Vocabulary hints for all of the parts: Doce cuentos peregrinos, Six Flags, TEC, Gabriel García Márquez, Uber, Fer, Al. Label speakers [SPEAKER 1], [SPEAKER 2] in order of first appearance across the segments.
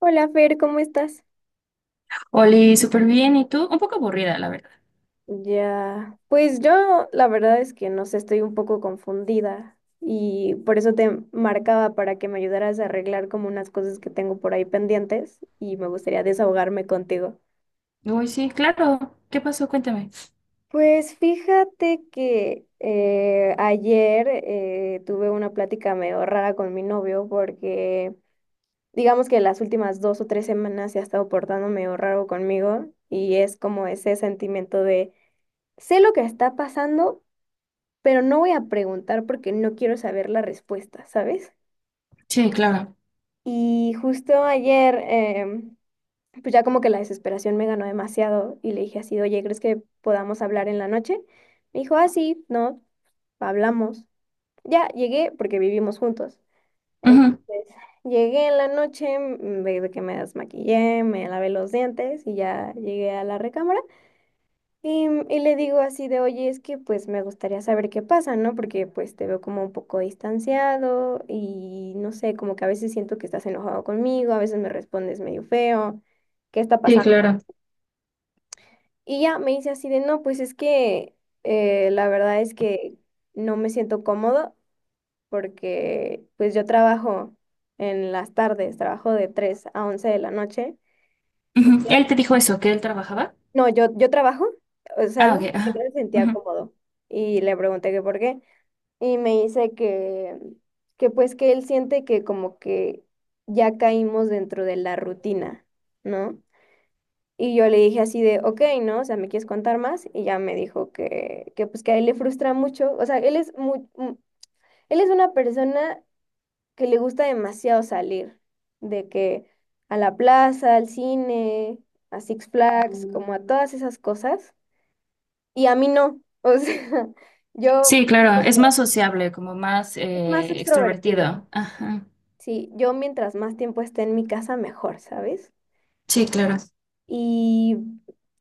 [SPEAKER 1] Hola Fer, ¿cómo estás?
[SPEAKER 2] Oli, súper bien. ¿Y tú? Un poco aburrida, la verdad.
[SPEAKER 1] Ya, pues yo la verdad es que no sé, estoy un poco confundida y por eso te marcaba para que me ayudaras a arreglar como unas cosas que tengo por ahí pendientes y me gustaría desahogarme contigo.
[SPEAKER 2] Uy, sí, claro. ¿Qué pasó? Cuéntame.
[SPEAKER 1] Pues fíjate que ayer tuve una plática medio rara con mi novio porque digamos que las últimas 2 o 3 semanas se ha estado portando medio raro conmigo y es como ese sentimiento de sé lo que está pasando, pero no voy a preguntar porque no quiero saber la respuesta, ¿sabes?
[SPEAKER 2] Sí, claro.
[SPEAKER 1] Y justo ayer, pues ya como que la desesperación me ganó demasiado y le dije así, oye, ¿crees que podamos hablar en la noche? Me dijo, ah, sí, no, hablamos. Ya, llegué porque vivimos juntos.
[SPEAKER 2] Ujú.
[SPEAKER 1] Entonces, llegué en la noche, de que me desmaquillé, me lavé los dientes y ya llegué a la recámara. Y le digo así de, oye, es que pues me gustaría saber qué pasa, ¿no? Porque pues te veo como un poco distanciado y no sé, como que a veces siento que estás enojado conmigo, a veces me respondes medio feo, ¿qué está
[SPEAKER 2] Sí,
[SPEAKER 1] pasando?
[SPEAKER 2] claro.
[SPEAKER 1] Y ya me dice así de, no, pues es que la verdad es que no me siento cómodo porque pues yo trabajo en las tardes, trabajo de 3 a 11 de la noche.
[SPEAKER 2] Ujú. Él te dijo eso, que él trabajaba.
[SPEAKER 1] No, yo trabajo, o sea,
[SPEAKER 2] Ah,
[SPEAKER 1] él
[SPEAKER 2] ok. Ajá.
[SPEAKER 1] me sentía
[SPEAKER 2] Ujú.
[SPEAKER 1] cómodo y le pregunté que por qué. Y me dice que pues que él siente que como que ya caímos dentro de la rutina, ¿no? Y yo le dije así de, ok, ¿no? O sea, ¿me quieres contar más? Y ya me dijo que pues que a él le frustra mucho, o sea, él es una persona que le gusta demasiado salir, de que a la plaza, al cine, a Six Flags, como a todas esas cosas, y a mí no, o sea, yo
[SPEAKER 2] Sí, claro. Es más sociable, como más
[SPEAKER 1] es más extrovertido.
[SPEAKER 2] extrovertido. Ajá.
[SPEAKER 1] Sí, yo mientras más tiempo esté en mi casa, mejor, ¿sabes?
[SPEAKER 2] Sí, claro.
[SPEAKER 1] Y,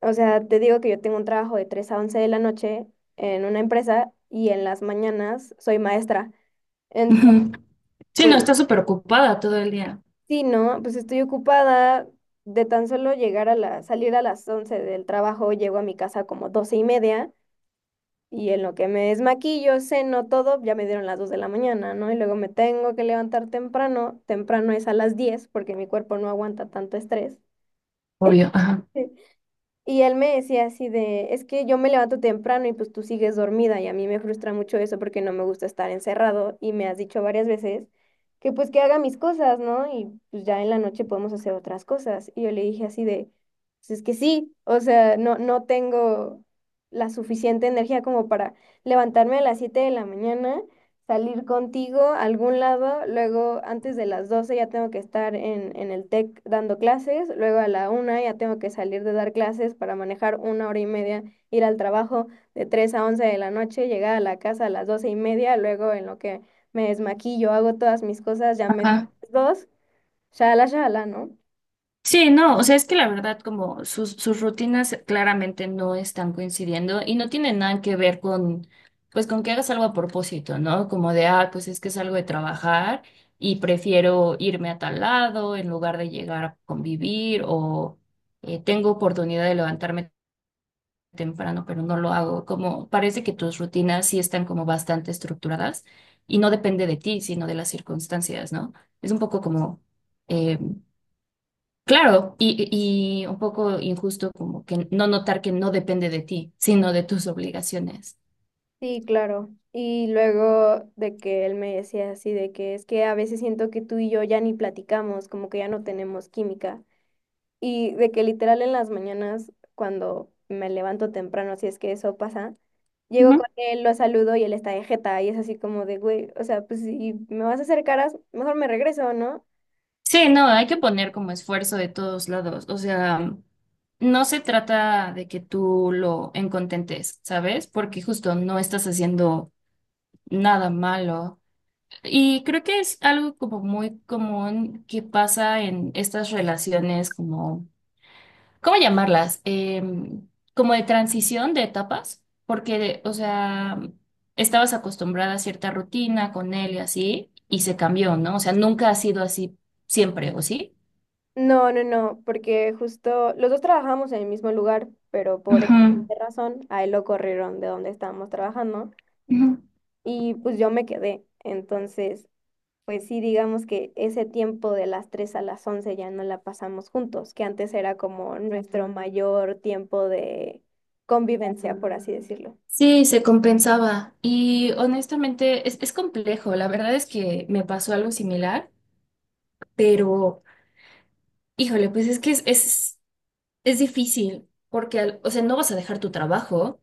[SPEAKER 1] o sea, te digo que yo tengo un trabajo de 3 a 11 de la noche en una empresa y en las mañanas soy maestra. Entonces,
[SPEAKER 2] Ujú. Sí,
[SPEAKER 1] pues
[SPEAKER 2] no, está súper ocupada todo el día.
[SPEAKER 1] sí, ¿no? Pues estoy ocupada de tan solo llegar a salir a las 11 del trabajo, llego a mi casa como 12 y media y en lo que me desmaquillo, ceno, todo, ya me dieron las 2 de la mañana, ¿no? Y luego me tengo que levantar temprano, temprano es a las 10 porque mi cuerpo no aguanta tanto estrés.
[SPEAKER 2] Obvio. Ajá.
[SPEAKER 1] Y él me decía así de, es que yo me levanto temprano y pues tú sigues dormida y a mí me frustra mucho eso porque no me gusta estar encerrado y me has dicho varias veces que pues que haga mis cosas, ¿no? Y pues ya en la noche podemos hacer otras cosas. Y yo le dije así de, pues es que sí, o sea, no, no tengo la suficiente energía como para levantarme a las 7 de la mañana, salir contigo a algún lado, luego antes de las 12 ya tengo que estar en el TEC dando clases, luego a la una ya tengo que salir de dar clases para manejar una hora y media, ir al trabajo de 3 a 11 de la noche, llegar a la casa a las 12 y media, luego en lo que me desmaquillo, hago todas mis cosas, ya media
[SPEAKER 2] Ajá.
[SPEAKER 1] las 2, shalala, shalala, ¿no?
[SPEAKER 2] Sí, no, o sea, es que la verdad como sus rutinas claramente no están coincidiendo y no tienen nada que ver con, pues con que hagas algo a propósito, ¿no? Como de, ah, pues es que salgo de trabajar y prefiero irme a tal lado en lugar de llegar a convivir o tengo oportunidad de levantarme temprano, pero no lo hago. Como parece que tus rutinas sí están como bastante estructuradas y no depende de ti, sino de las circunstancias, ¿no? Es un poco como... eh, Claro, y un poco injusto como que no notar que no depende de ti, sino de tus obligaciones.
[SPEAKER 1] Sí, claro. Y luego de que él me decía así, de que es que a veces siento que tú y yo ya ni platicamos, como que ya no tenemos química. Y de que literal en las mañanas, cuando me levanto temprano, si es que eso pasa, llego
[SPEAKER 2] Ujú.
[SPEAKER 1] con él, lo saludo y él está de jeta y es así como de, güey, o sea, pues si me vas a hacer caras, mejor me regreso, ¿no?
[SPEAKER 2] Sí, no, hay que poner como esfuerzo de todos lados. O sea, no se trata de que tú lo encontentes, ¿sabes? Porque justo no estás haciendo nada malo. Y creo que es algo como muy común que pasa en estas relaciones como ¿cómo llamarlas? Como de transición de etapas, porque, o sea, estabas acostumbrada a cierta rutina con él y así, y se cambió, ¿no? O sea, nunca ha sido así siempre, ¿o sí?
[SPEAKER 1] No, no, no, porque justo los dos trabajamos en el mismo lugar, pero por X o
[SPEAKER 2] Ujú,
[SPEAKER 1] Y razón, a él lo corrieron de donde estábamos trabajando
[SPEAKER 2] ujú.
[SPEAKER 1] y pues yo me quedé. Entonces, pues sí, digamos que ese tiempo de las 3 a las 11 ya no la pasamos juntos, que antes era como nuestro mayor tiempo de convivencia, por así decirlo.
[SPEAKER 2] Sí, se compensaba. Y honestamente, es complejo. La verdad es que me pasó algo similar, pero híjole, pues es que es difícil, porque, al- o sea, no vas a dejar tu trabajo,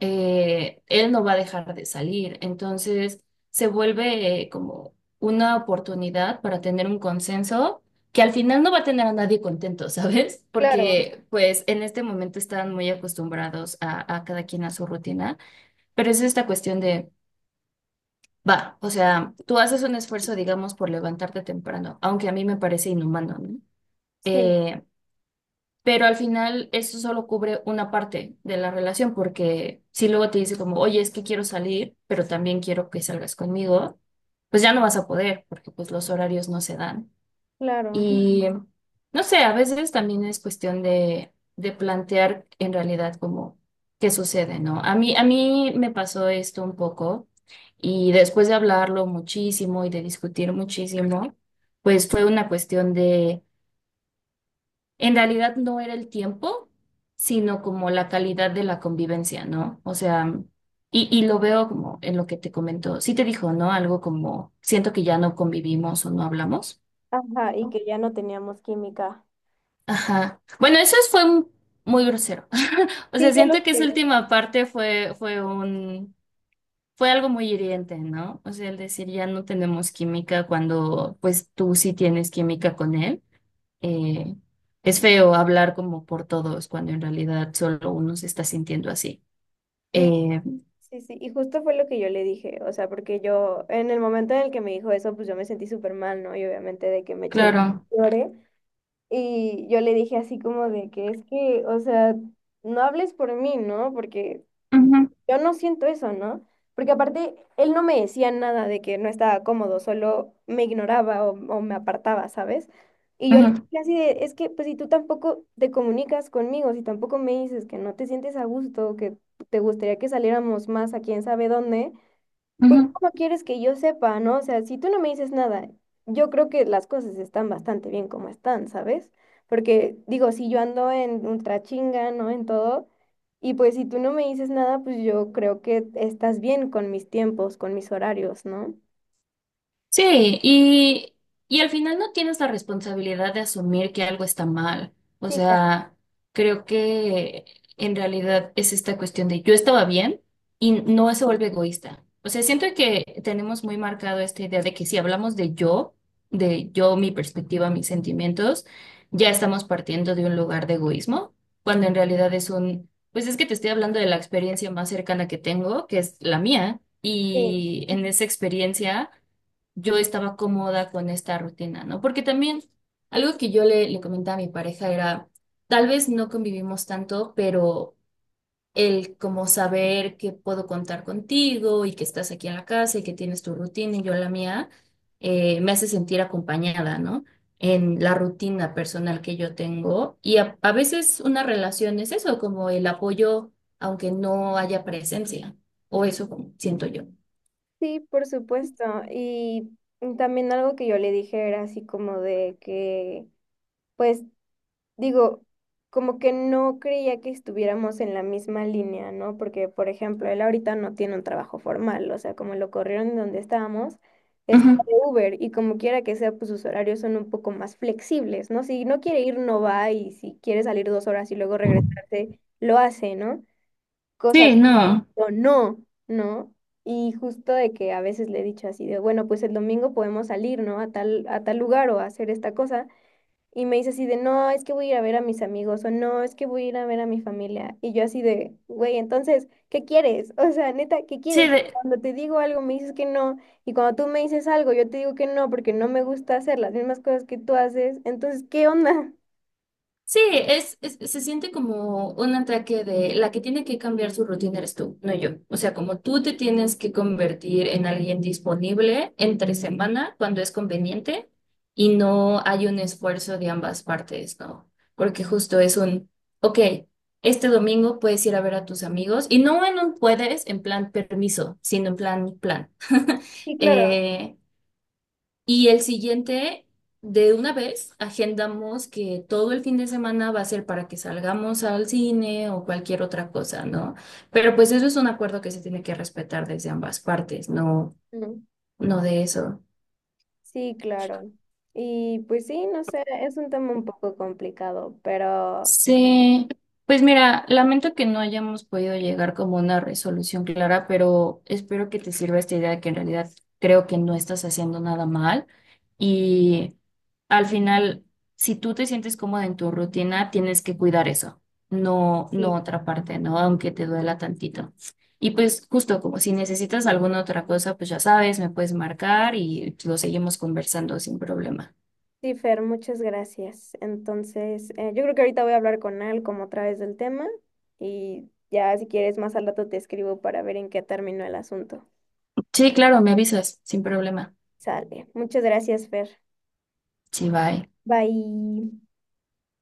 [SPEAKER 2] él no va a dejar de salir. Entonces se vuelve como una oportunidad para tener un consenso que al final no va a tener a nadie contento, ¿sabes?
[SPEAKER 1] Claro,
[SPEAKER 2] Porque pues en este momento están muy acostumbrados a cada quien a su rutina, pero es esta cuestión de, va, o sea, tú haces un esfuerzo, digamos, por levantarte temprano, aunque a mí me parece inhumano, ¿no?
[SPEAKER 1] sí,
[SPEAKER 2] Eh, pero al final eso solo cubre una parte de la relación, porque si luego te dice como, oye, es que quiero salir, pero también quiero que salgas conmigo, pues ya no vas a poder, porque pues los horarios no se dan.
[SPEAKER 1] claro.
[SPEAKER 2] Y no sé, a veces también es cuestión de plantear en realidad como qué sucede, ¿no? A mí me pasó esto un poco y después de hablarlo muchísimo y de discutir muchísimo, pues fue una cuestión de... En realidad no era el tiempo, sino como la calidad de la convivencia, ¿no? O sea, y lo veo como en lo que te comentó. Sí te dijo, ¿no? Algo como, siento que ya no convivimos o no hablamos.
[SPEAKER 1] Ajá, y que ya no teníamos química.
[SPEAKER 2] Ajá. Bueno, eso es- fue un- muy grosero. O
[SPEAKER 1] Sí,
[SPEAKER 2] sea,
[SPEAKER 1] yo lo
[SPEAKER 2] siento que esa
[SPEAKER 1] sé.
[SPEAKER 2] última parte fue, fue un, fue algo muy hiriente, ¿no? O sea, el decir ya no tenemos química cuando pues tú sí tienes química con él. eh, es feo hablar como por todos cuando en realidad solo uno se está sintiendo así.
[SPEAKER 1] Sí,
[SPEAKER 2] Eh,
[SPEAKER 1] sí, sí. Y justo fue lo que yo le dije, o sea, porque yo, en el momento en el que me dijo eso, pues yo me sentí súper mal, ¿no? Y obviamente de que me eché,
[SPEAKER 2] claro.
[SPEAKER 1] lloré. Y yo le dije así como de que es que, o sea, no hables por mí, ¿no? Porque
[SPEAKER 2] Ujú,
[SPEAKER 1] yo no siento eso, ¿no? Porque aparte, él no me decía nada de que no estaba cómodo, solo me ignoraba o me apartaba, ¿sabes? Y yo le
[SPEAKER 2] ujú,
[SPEAKER 1] decía así de, es que pues si tú tampoco te comunicas conmigo, si tampoco me dices que no te sientes a gusto, que te gustaría que saliéramos más a quién sabe dónde, pues,
[SPEAKER 2] ujú.
[SPEAKER 1] ¿cómo quieres que yo sepa, no? O sea, si tú no me dices nada, yo creo que las cosas están bastante bien como están, ¿sabes? Porque, digo, si yo ando en ultra chinga, ¿no? En todo, y pues si tú no me dices nada, pues yo creo que estás bien con mis tiempos, con mis horarios, ¿no?
[SPEAKER 2] Sí, y al final no tienes la responsabilidad de asumir que algo está mal. O
[SPEAKER 1] Sí, claro.
[SPEAKER 2] sea, creo que en realidad es esta cuestión de yo estaba bien y no se vuelve egoísta. O sea, siento que tenemos muy marcado esta idea de que si hablamos de yo, mi perspectiva, mis sentimientos, ya estamos partiendo de un lugar de egoísmo, cuando en realidad es un, pues es que te estoy hablando de la experiencia más cercana que tengo, que es la mía,
[SPEAKER 1] Sí,
[SPEAKER 2] y en esa experiencia yo estaba cómoda con esta rutina, ¿no? Porque también algo que yo le comentaba a mi pareja era, tal vez no convivimos tanto, pero el como saber que puedo contar contigo y que estás aquí en la casa y que tienes tu rutina y yo la mía, me hace sentir acompañada, ¿no? En la rutina personal que yo tengo. Y a veces una relación es eso, como el apoyo, aunque no haya presencia, o eso como siento yo.
[SPEAKER 1] sí, por supuesto. Y también algo que yo le dije era así como de que, pues digo, como que no creía que estuviéramos en la misma línea, ¿no? Porque, por ejemplo, él ahorita no tiene un trabajo formal, o sea, como lo corrieron de donde estábamos, está
[SPEAKER 2] Ujú.
[SPEAKER 1] de Uber y como quiera que sea, pues sus horarios son un poco más flexibles, ¿no? Si no quiere ir, no va y si quiere salir 2 horas y luego regresarse, lo hace, ¿no? Cosa que
[SPEAKER 2] Sí, no.
[SPEAKER 1] yo no, ¿no? Y justo de que a veces le he dicho así de, bueno, pues el domingo podemos salir, ¿no? A tal lugar o a hacer esta cosa. Y me dice así de, no, es que voy a ir a ver a mis amigos o no, es que voy a ir a ver a mi familia. Y yo así de, güey, entonces, ¿qué quieres? O sea, neta, ¿qué quieres?
[SPEAKER 2] Sí,
[SPEAKER 1] Porque
[SPEAKER 2] de-
[SPEAKER 1] cuando te digo algo me dices que no y cuando tú me dices algo yo te digo que no porque no me gusta hacer las mismas cosas que tú haces. Entonces, ¿qué onda?
[SPEAKER 2] Sí, es- se siente como un ataque de la que tiene que cambiar su rutina eres tú, no yo. O sea, como tú te tienes que convertir en alguien disponible entre semana cuando es conveniente y no hay un esfuerzo de ambas partes, ¿no? Porque justo es un, ok, este domingo puedes ir a ver a tus amigos y no en un puedes en plan permiso, sino en plan plan.
[SPEAKER 1] Sí, claro.
[SPEAKER 2] Eh, y el siguiente, de una vez, agendamos que todo el fin de semana va a ser para que salgamos al cine o cualquier otra cosa, ¿no? Pero pues eso es un acuerdo que se tiene que respetar desde ambas partes, no,
[SPEAKER 1] Mm,
[SPEAKER 2] no de eso.
[SPEAKER 1] sí, claro. Y pues sí, no sé, es un tema un poco complicado, pero...
[SPEAKER 2] Sí, pues mira, lamento que no hayamos podido llegar como a una resolución clara, pero espero que te sirva esta idea de que en realidad creo que no estás haciendo nada mal y al final, si tú te sientes cómoda en tu rutina, tienes que cuidar eso, no, no otra parte, ¿no? Aunque te duela tantito. Y pues justo como si necesitas alguna otra cosa, pues ya sabes, me puedes marcar y lo seguimos conversando sin problema.
[SPEAKER 1] Sí, Fer, muchas gracias. Entonces, yo creo que ahorita voy a hablar con Al como otra vez del tema y ya si quieres más al rato te escribo para ver en qué terminó el asunto.
[SPEAKER 2] Sí, claro, me avisas, sin problema.
[SPEAKER 1] Sale. Muchas gracias, Fer.
[SPEAKER 2] Sí, bye.
[SPEAKER 1] Bye.